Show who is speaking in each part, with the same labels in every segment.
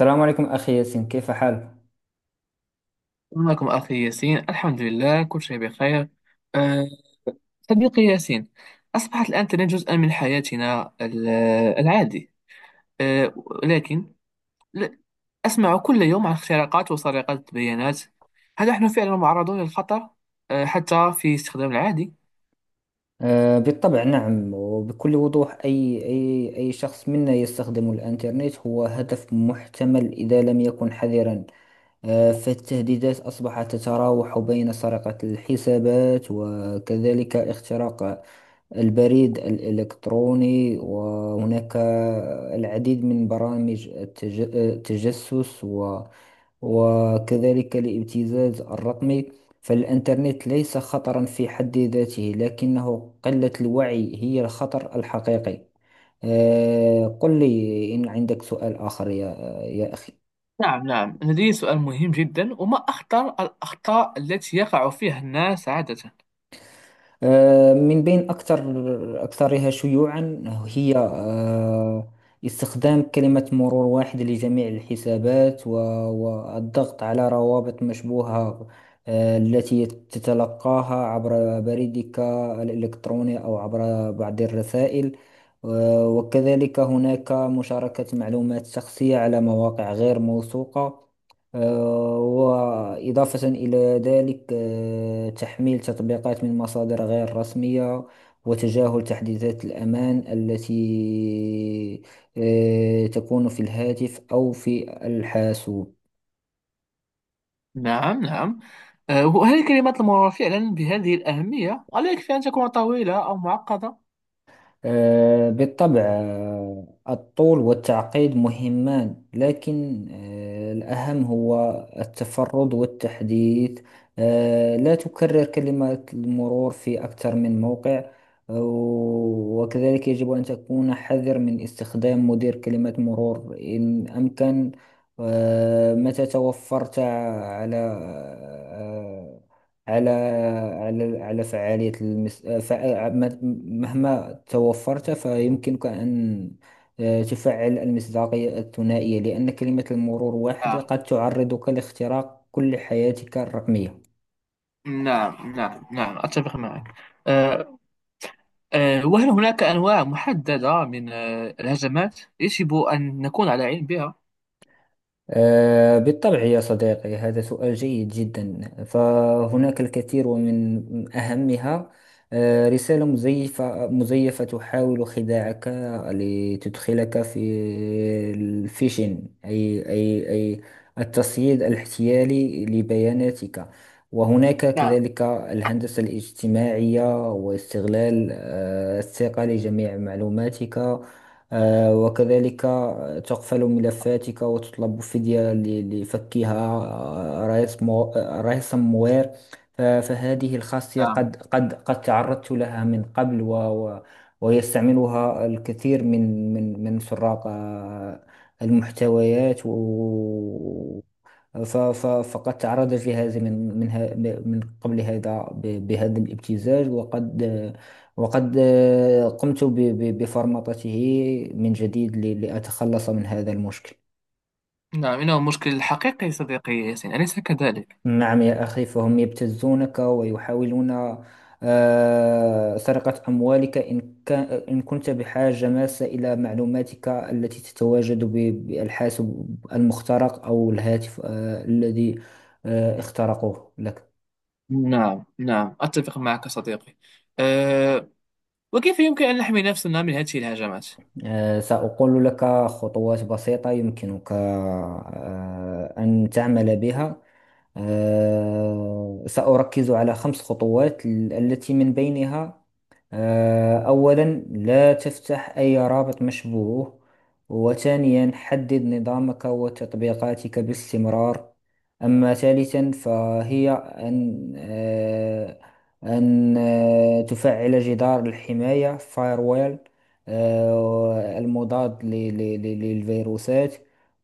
Speaker 1: السلام عليكم أخي ياسين، كيف حالك؟
Speaker 2: معكم أخي ياسين، الحمد لله كل شيء بخير. أه صديقي ياسين، أصبحت الآن الإنترنت جزءا من حياتنا العادي. أه لكن ل- أسمع كل يوم عن اختراقات وسرقات بيانات. هل نحن فعلا معرضون للخطر حتى في استخدام العادي؟
Speaker 1: آه بالطبع، نعم وبكل وضوح، أي شخص منا يستخدم الإنترنت هو هدف محتمل إذا لم يكن حذرا. فالتهديدات أصبحت تتراوح بين سرقة الحسابات وكذلك اختراق البريد الإلكتروني، وهناك العديد من برامج التجسس وكذلك الابتزاز الرقمي. فالإنترنت ليس خطرا في حد ذاته، لكنه قلة الوعي هي الخطر الحقيقي. قل لي إن عندك سؤال آخر يا أخي.
Speaker 2: نعم نعم، لدي سؤال مهم جدا، وما أخطر الأخطاء التي يقع فيها الناس عادة؟
Speaker 1: من بين أكثرها شيوعا هي استخدام كلمة مرور واحد لجميع الحسابات، والضغط على روابط مشبوهة التي تتلقاها عبر بريدك الإلكتروني أو عبر بعض الرسائل. وكذلك هناك مشاركة معلومات شخصية على مواقع غير موثوقة. وإضافة إلى ذلك، تحميل تطبيقات من مصادر غير رسمية وتجاهل تحديثات الأمان التي تكون في الهاتف أو في الحاسوب.
Speaker 2: نعم نعم، وهل الكلمات المرورة فعلا بهذه الأهمية؟ ولا يكفي أن تكون طويلة أو معقدة؟
Speaker 1: بالطبع، الطول والتعقيد مهمان، لكن الأهم هو التفرد والتحديث. لا تكرر كلمات المرور في أكثر من موقع. وكذلك يجب أن تكون حذر من استخدام مدير كلمات مرور إن أمكن. متى توفرت على آه، على على فعالية مهما توفرت، فيمكنك أن تفعل المصداقية الثنائية، لأن كلمة المرور واحدة
Speaker 2: نعم
Speaker 1: قد تعرضك لاختراق كل حياتك الرقمية.
Speaker 2: نعم نعم نعم، أتفق معك. أه، أه، وهل هناك أنواع محددة من الهجمات يجب أن نكون على علم بها؟
Speaker 1: بالطبع يا صديقي، هذا سؤال جيد جدا، فهناك الكثير ومن أهمها رسالة مزيفة تحاول خداعك لتدخلك في الفيشن، أي التصعيد الاحتيالي لبياناتك. وهناك
Speaker 2: نعم
Speaker 1: كذلك الهندسة الاجتماعية واستغلال الثقة لجميع معلوماتك. وكذلك تقفل ملفاتك وتطلب فدية لفكها. آه، رئيس مو... آه، رئيس موير. فهذه الخاصية
Speaker 2: نعم
Speaker 1: قد تعرضت لها من قبل، ويستعملها الكثير من سراق المحتويات. فقد تعرض جهازي من قبل بهذا الابتزاج، وقد قمت بفرمطته من جديد لأتخلص من هذا المشكل.
Speaker 2: نعم، إنه مشكل حقيقي صديقي ياسين، أليس كذلك؟
Speaker 1: نعم يا أخي، فهم يبتزونك ويحاولون سرقة أموالك إن كنت بحاجة ماسة إلى معلوماتك التي تتواجد بالحاسب المخترق أو الهاتف الذي اخترقوه لك.
Speaker 2: نعم نعم، أتفق معك صديقي. أه، وكيف يمكن أن نحمي نفسنا من هذه الهجمات؟
Speaker 1: سأقول لك خطوات بسيطة يمكنك أن تعمل بها. سأركز على خمس خطوات التي من بينها أولا، لا تفتح أي رابط مشبوه. وثانيا، حدد نظامك وتطبيقاتك باستمرار. أما ثالثا، فهي أن تفعل جدار الحماية firewall المضاد للفيروسات.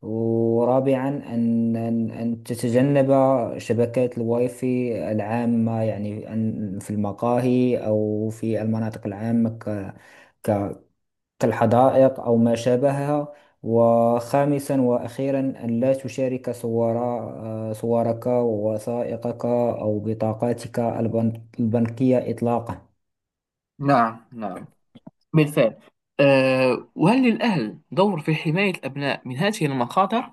Speaker 1: ورابعا، أن تتجنب شبكات الواي فاي العامة، يعني أن في المقاهي أو في المناطق العامة، ك- كالحدائق أو ما شابهها. وخامسا وأخيرا، أن لا تشارك صورك ووثائقك أو بطاقاتك البنكية إطلاقا.
Speaker 2: نعم نعم، بالفعل. وهل للأهل دور في حماية الأبناء من هذه المخاطر؟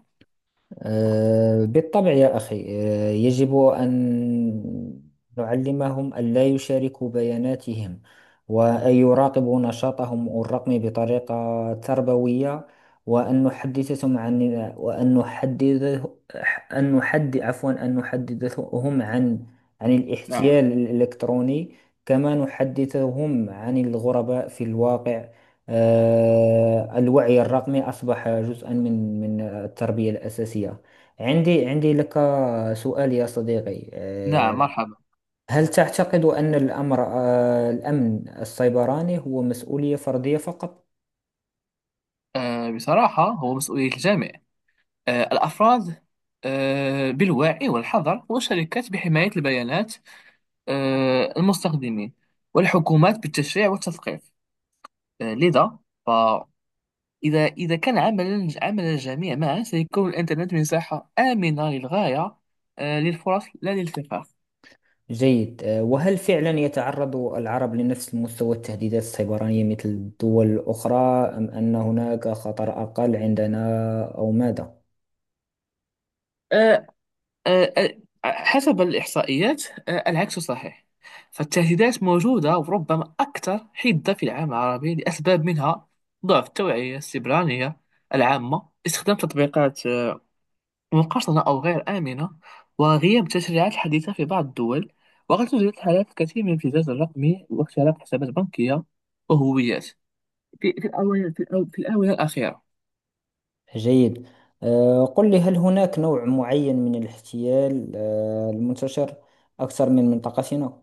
Speaker 1: بالطبع يا أخي، يجب أن نعلمهم ألا يشاركوا بياناتهم، وأن يراقبوا نشاطهم الرقمي بطريقة تربوية، وأن نحدثهم عن وأن نحدد أن نحد عفوا أن نحدثهم عن عن
Speaker 2: نعم
Speaker 1: الاحتيال الإلكتروني، كما نحدثهم عن الغرباء في الواقع. الوعي الرقمي أصبح جزءا من التربية الأساسية. عندي لك سؤال يا صديقي،
Speaker 2: نعم، مرحبا.
Speaker 1: هل تعتقد أن الأمر آه، الأمن السيبراني هو مسؤولية فردية فقط؟
Speaker 2: بصراحة هو مسؤولية الجامع، الأفراد بالوعي والحذر، والشركات بحماية البيانات المستخدمين، والحكومات بالتشريع والتثقيف. لذا فإذا إذا كان عمل الجميع معا، سيكون الإنترنت مساحة آمنة للغاية، للفرص لا للفقر.
Speaker 1: جيد. وهل فعلا يتعرض العرب لنفس مستوى التهديدات السيبرانية مثل الدول الأخرى، أم أن هناك خطر أقل عندنا أو ماذا؟
Speaker 2: آه، آه، حسب الإحصائيات، العكس صحيح. فالتهديدات موجودة وربما أكثر حدة في العالم العربي، لأسباب منها ضعف التوعية السبرانية العامة، استخدام تطبيقات مقارنة أو غير آمنة، وغياب التشريعات الحديثة في بعض الدول. وقد توجد حالات كثير من الابتزاز الرقمي واختراق حسابات بنكية وهويات في الآونة الأخيرة.
Speaker 1: جيد. قل لي، هل هناك نوع معين من الاحتيال المنتشر أكثر من منطقتنا؟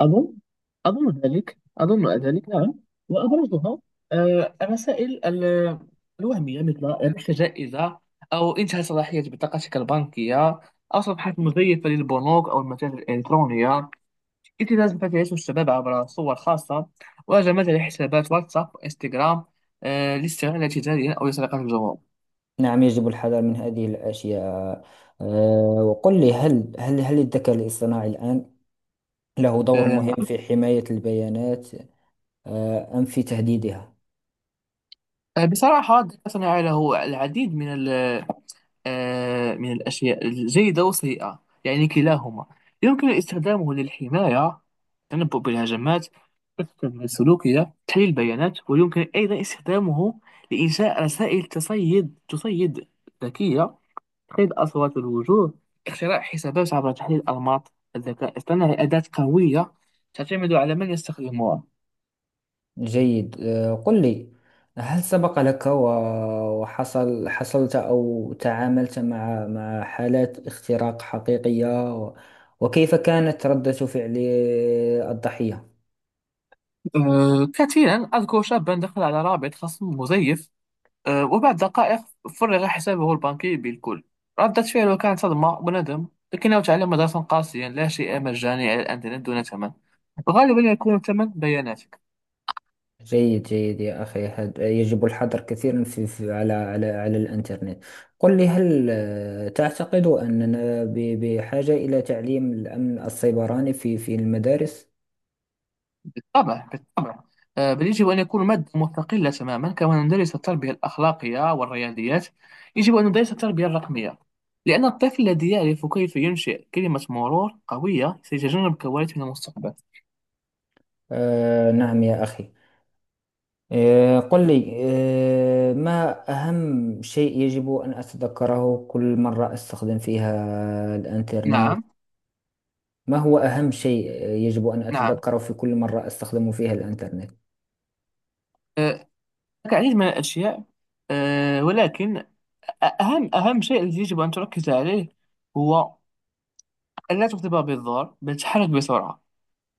Speaker 2: أظن، أظن ذلك، أظن ذلك نعم. وأبرزها الرسائل الوهمية، مثل ربحت جائزة، أو انتهى صلاحية بطاقتك البنكية، أو صفحات مزيفة للبنوك أو المتاجر الإلكترونية، ابتزاز ما تعيشه الشباب عبر صور خاصة، وهجمات على حسابات واتساب وإنستغرام، لاستغلال تجاريا أو لسرقة الجمهور.
Speaker 1: نعم، يجب الحذر من هذه الأشياء. وقل لي، هل الذكاء الاصطناعي الآن له دور مهم
Speaker 2: نعم.
Speaker 1: في حماية البيانات أم في تهديدها؟
Speaker 2: بصراحة الذكاء الاصطناعي له العديد من من الأشياء الجيدة والسيئة، يعني كلاهما. يمكن استخدامه للحماية، تنبؤ بالهجمات، التحليل السلوكية، تحليل البيانات. ويمكن أيضا استخدامه لإنشاء رسائل تصيد ذكية، تقييد أصوات الوجوه، اختراع حسابات عبر تحليل أنماط. الذكاء الاصطناعي أداة قوية، تعتمد على من يستخدمها.
Speaker 1: جيد. قل لي، هل سبق لك حصلت أو تعاملت مع حالات اختراق حقيقية؟ وكيف كانت ردة فعل الضحية؟
Speaker 2: كثيرا. أذكر شابا دخل على رابط خصم مزيف، وبعد دقائق فرغ حسابه البنكي بالكل. ردة فعله كانت صدمة وندم، لكنه تعلم درسا قاسيا: لا شيء مجاني على الإنترنت دون ثمن، غالبا يكون الثمن بياناتك.
Speaker 1: جيد جيد يا أخي، هذا يجب الحذر كثيرا في في على الإنترنت. قل لي، هل تعتقد أننا بحاجة إلى تعليم الأمن السيبراني في المدارس؟
Speaker 2: بالطبع بالطبع. بل يجب أن يكون مادة مستقلة تماما، كما ندرس التربية الأخلاقية والرياضيات يجب أن ندرس التربية الرقمية، لأن الطفل الذي يعرف كيف ينشئ كلمة مرور قوية سيتجنب كوارث من المستقبل.
Speaker 1: آه نعم يا أخي. قل لي، ما أهم شيء يجب أن أتذكره كل مرة أستخدم فيها الإنترنت؟
Speaker 2: نعم.
Speaker 1: ما هو أهم شيء يجب أن
Speaker 2: نعم.
Speaker 1: أتذكره في كل مرة أستخدم فيها الإنترنت؟
Speaker 2: أه، هناك العديد من الأشياء، ولكن أهم شيء الذي يجب أن تركز عليه هو أن لا تكتب بالظهر، بل تحرك بسرعة.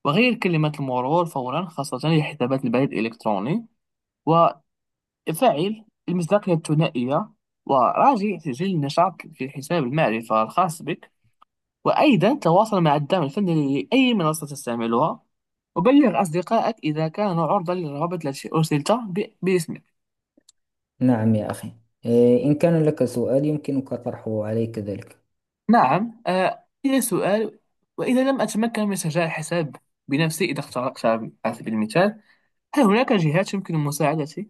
Speaker 2: وغير كلمات المرور فورا، خاصة لحسابات البريد الإلكتروني، وفعل المصداقية الثنائية، وراجع تسجيل النشاط في حساب المعرفة الخاص بك، وأيضا تواصل مع الدعم الفني لأي منصة تستعملها، وبلغ أصدقائك إذا كانوا عرضة للروابط التي أرسلت باسمك.
Speaker 1: نعم يا أخي. إن كان لك سؤال، يمكنك طرحه علي كذلك.
Speaker 2: نعم، إلى سؤال. وإذا لم أتمكن من سجاع الحساب بنفسي، إذا اخترقت على سبيل المثال، هل هناك جهات يمكن مساعدتي؟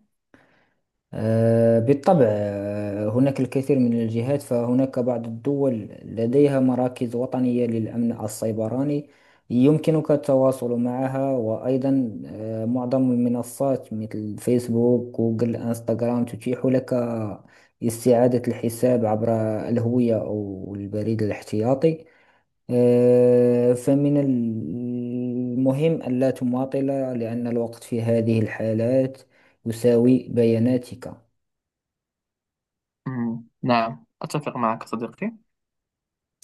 Speaker 1: بالطبع، هناك الكثير من الجهات، فهناك بعض الدول لديها مراكز وطنية للأمن السيبراني، يمكنك التواصل معها. وأيضا معظم المنصات مثل فيسبوك، جوجل، انستغرام تتيح لك استعادة الحساب عبر الهوية أو البريد الاحتياطي. فمن المهم ألا تماطل، لأن الوقت في هذه الحالات يساوي بياناتك.
Speaker 2: مم، نعم، أتفق معك صديقي.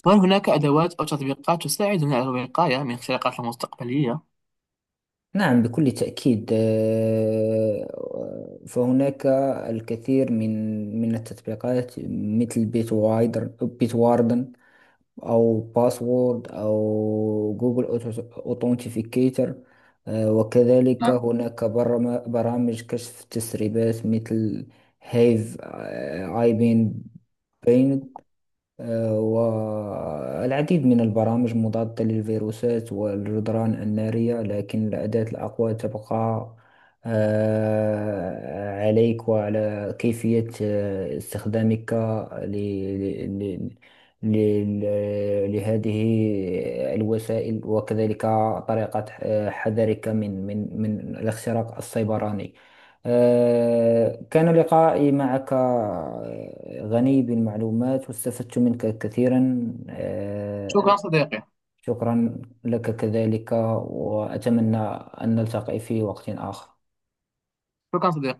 Speaker 2: وهل هناك أدوات أو تطبيقات تساعدنا على الوقاية من اختراقات المستقبلية؟
Speaker 1: نعم بكل تأكيد، فهناك الكثير من التطبيقات مثل بيت وايدر، بيت واردن، أو باسورد، أو جوجل أوتنتيفيكيتر. وكذلك
Speaker 2: نعم.
Speaker 1: هناك برامج كشف تسريبات مثل هيف آي بين. والعديد من البرامج مضادة للفيروسات والجدران النارية، لكن الأداة الأقوى تبقى عليك وعلى كيفية استخدامك ل- ل- لهذه الوسائل، وكذلك طريقة حذرك من الاختراق السيبراني. كان لقائي معك غني بالمعلومات واستفدت منك كثيرا.
Speaker 2: شكرا صديقي.
Speaker 1: شكرا لك كذلك، وأتمنى أن نلتقي في وقت آخر.
Speaker 2: شكرا صديقي.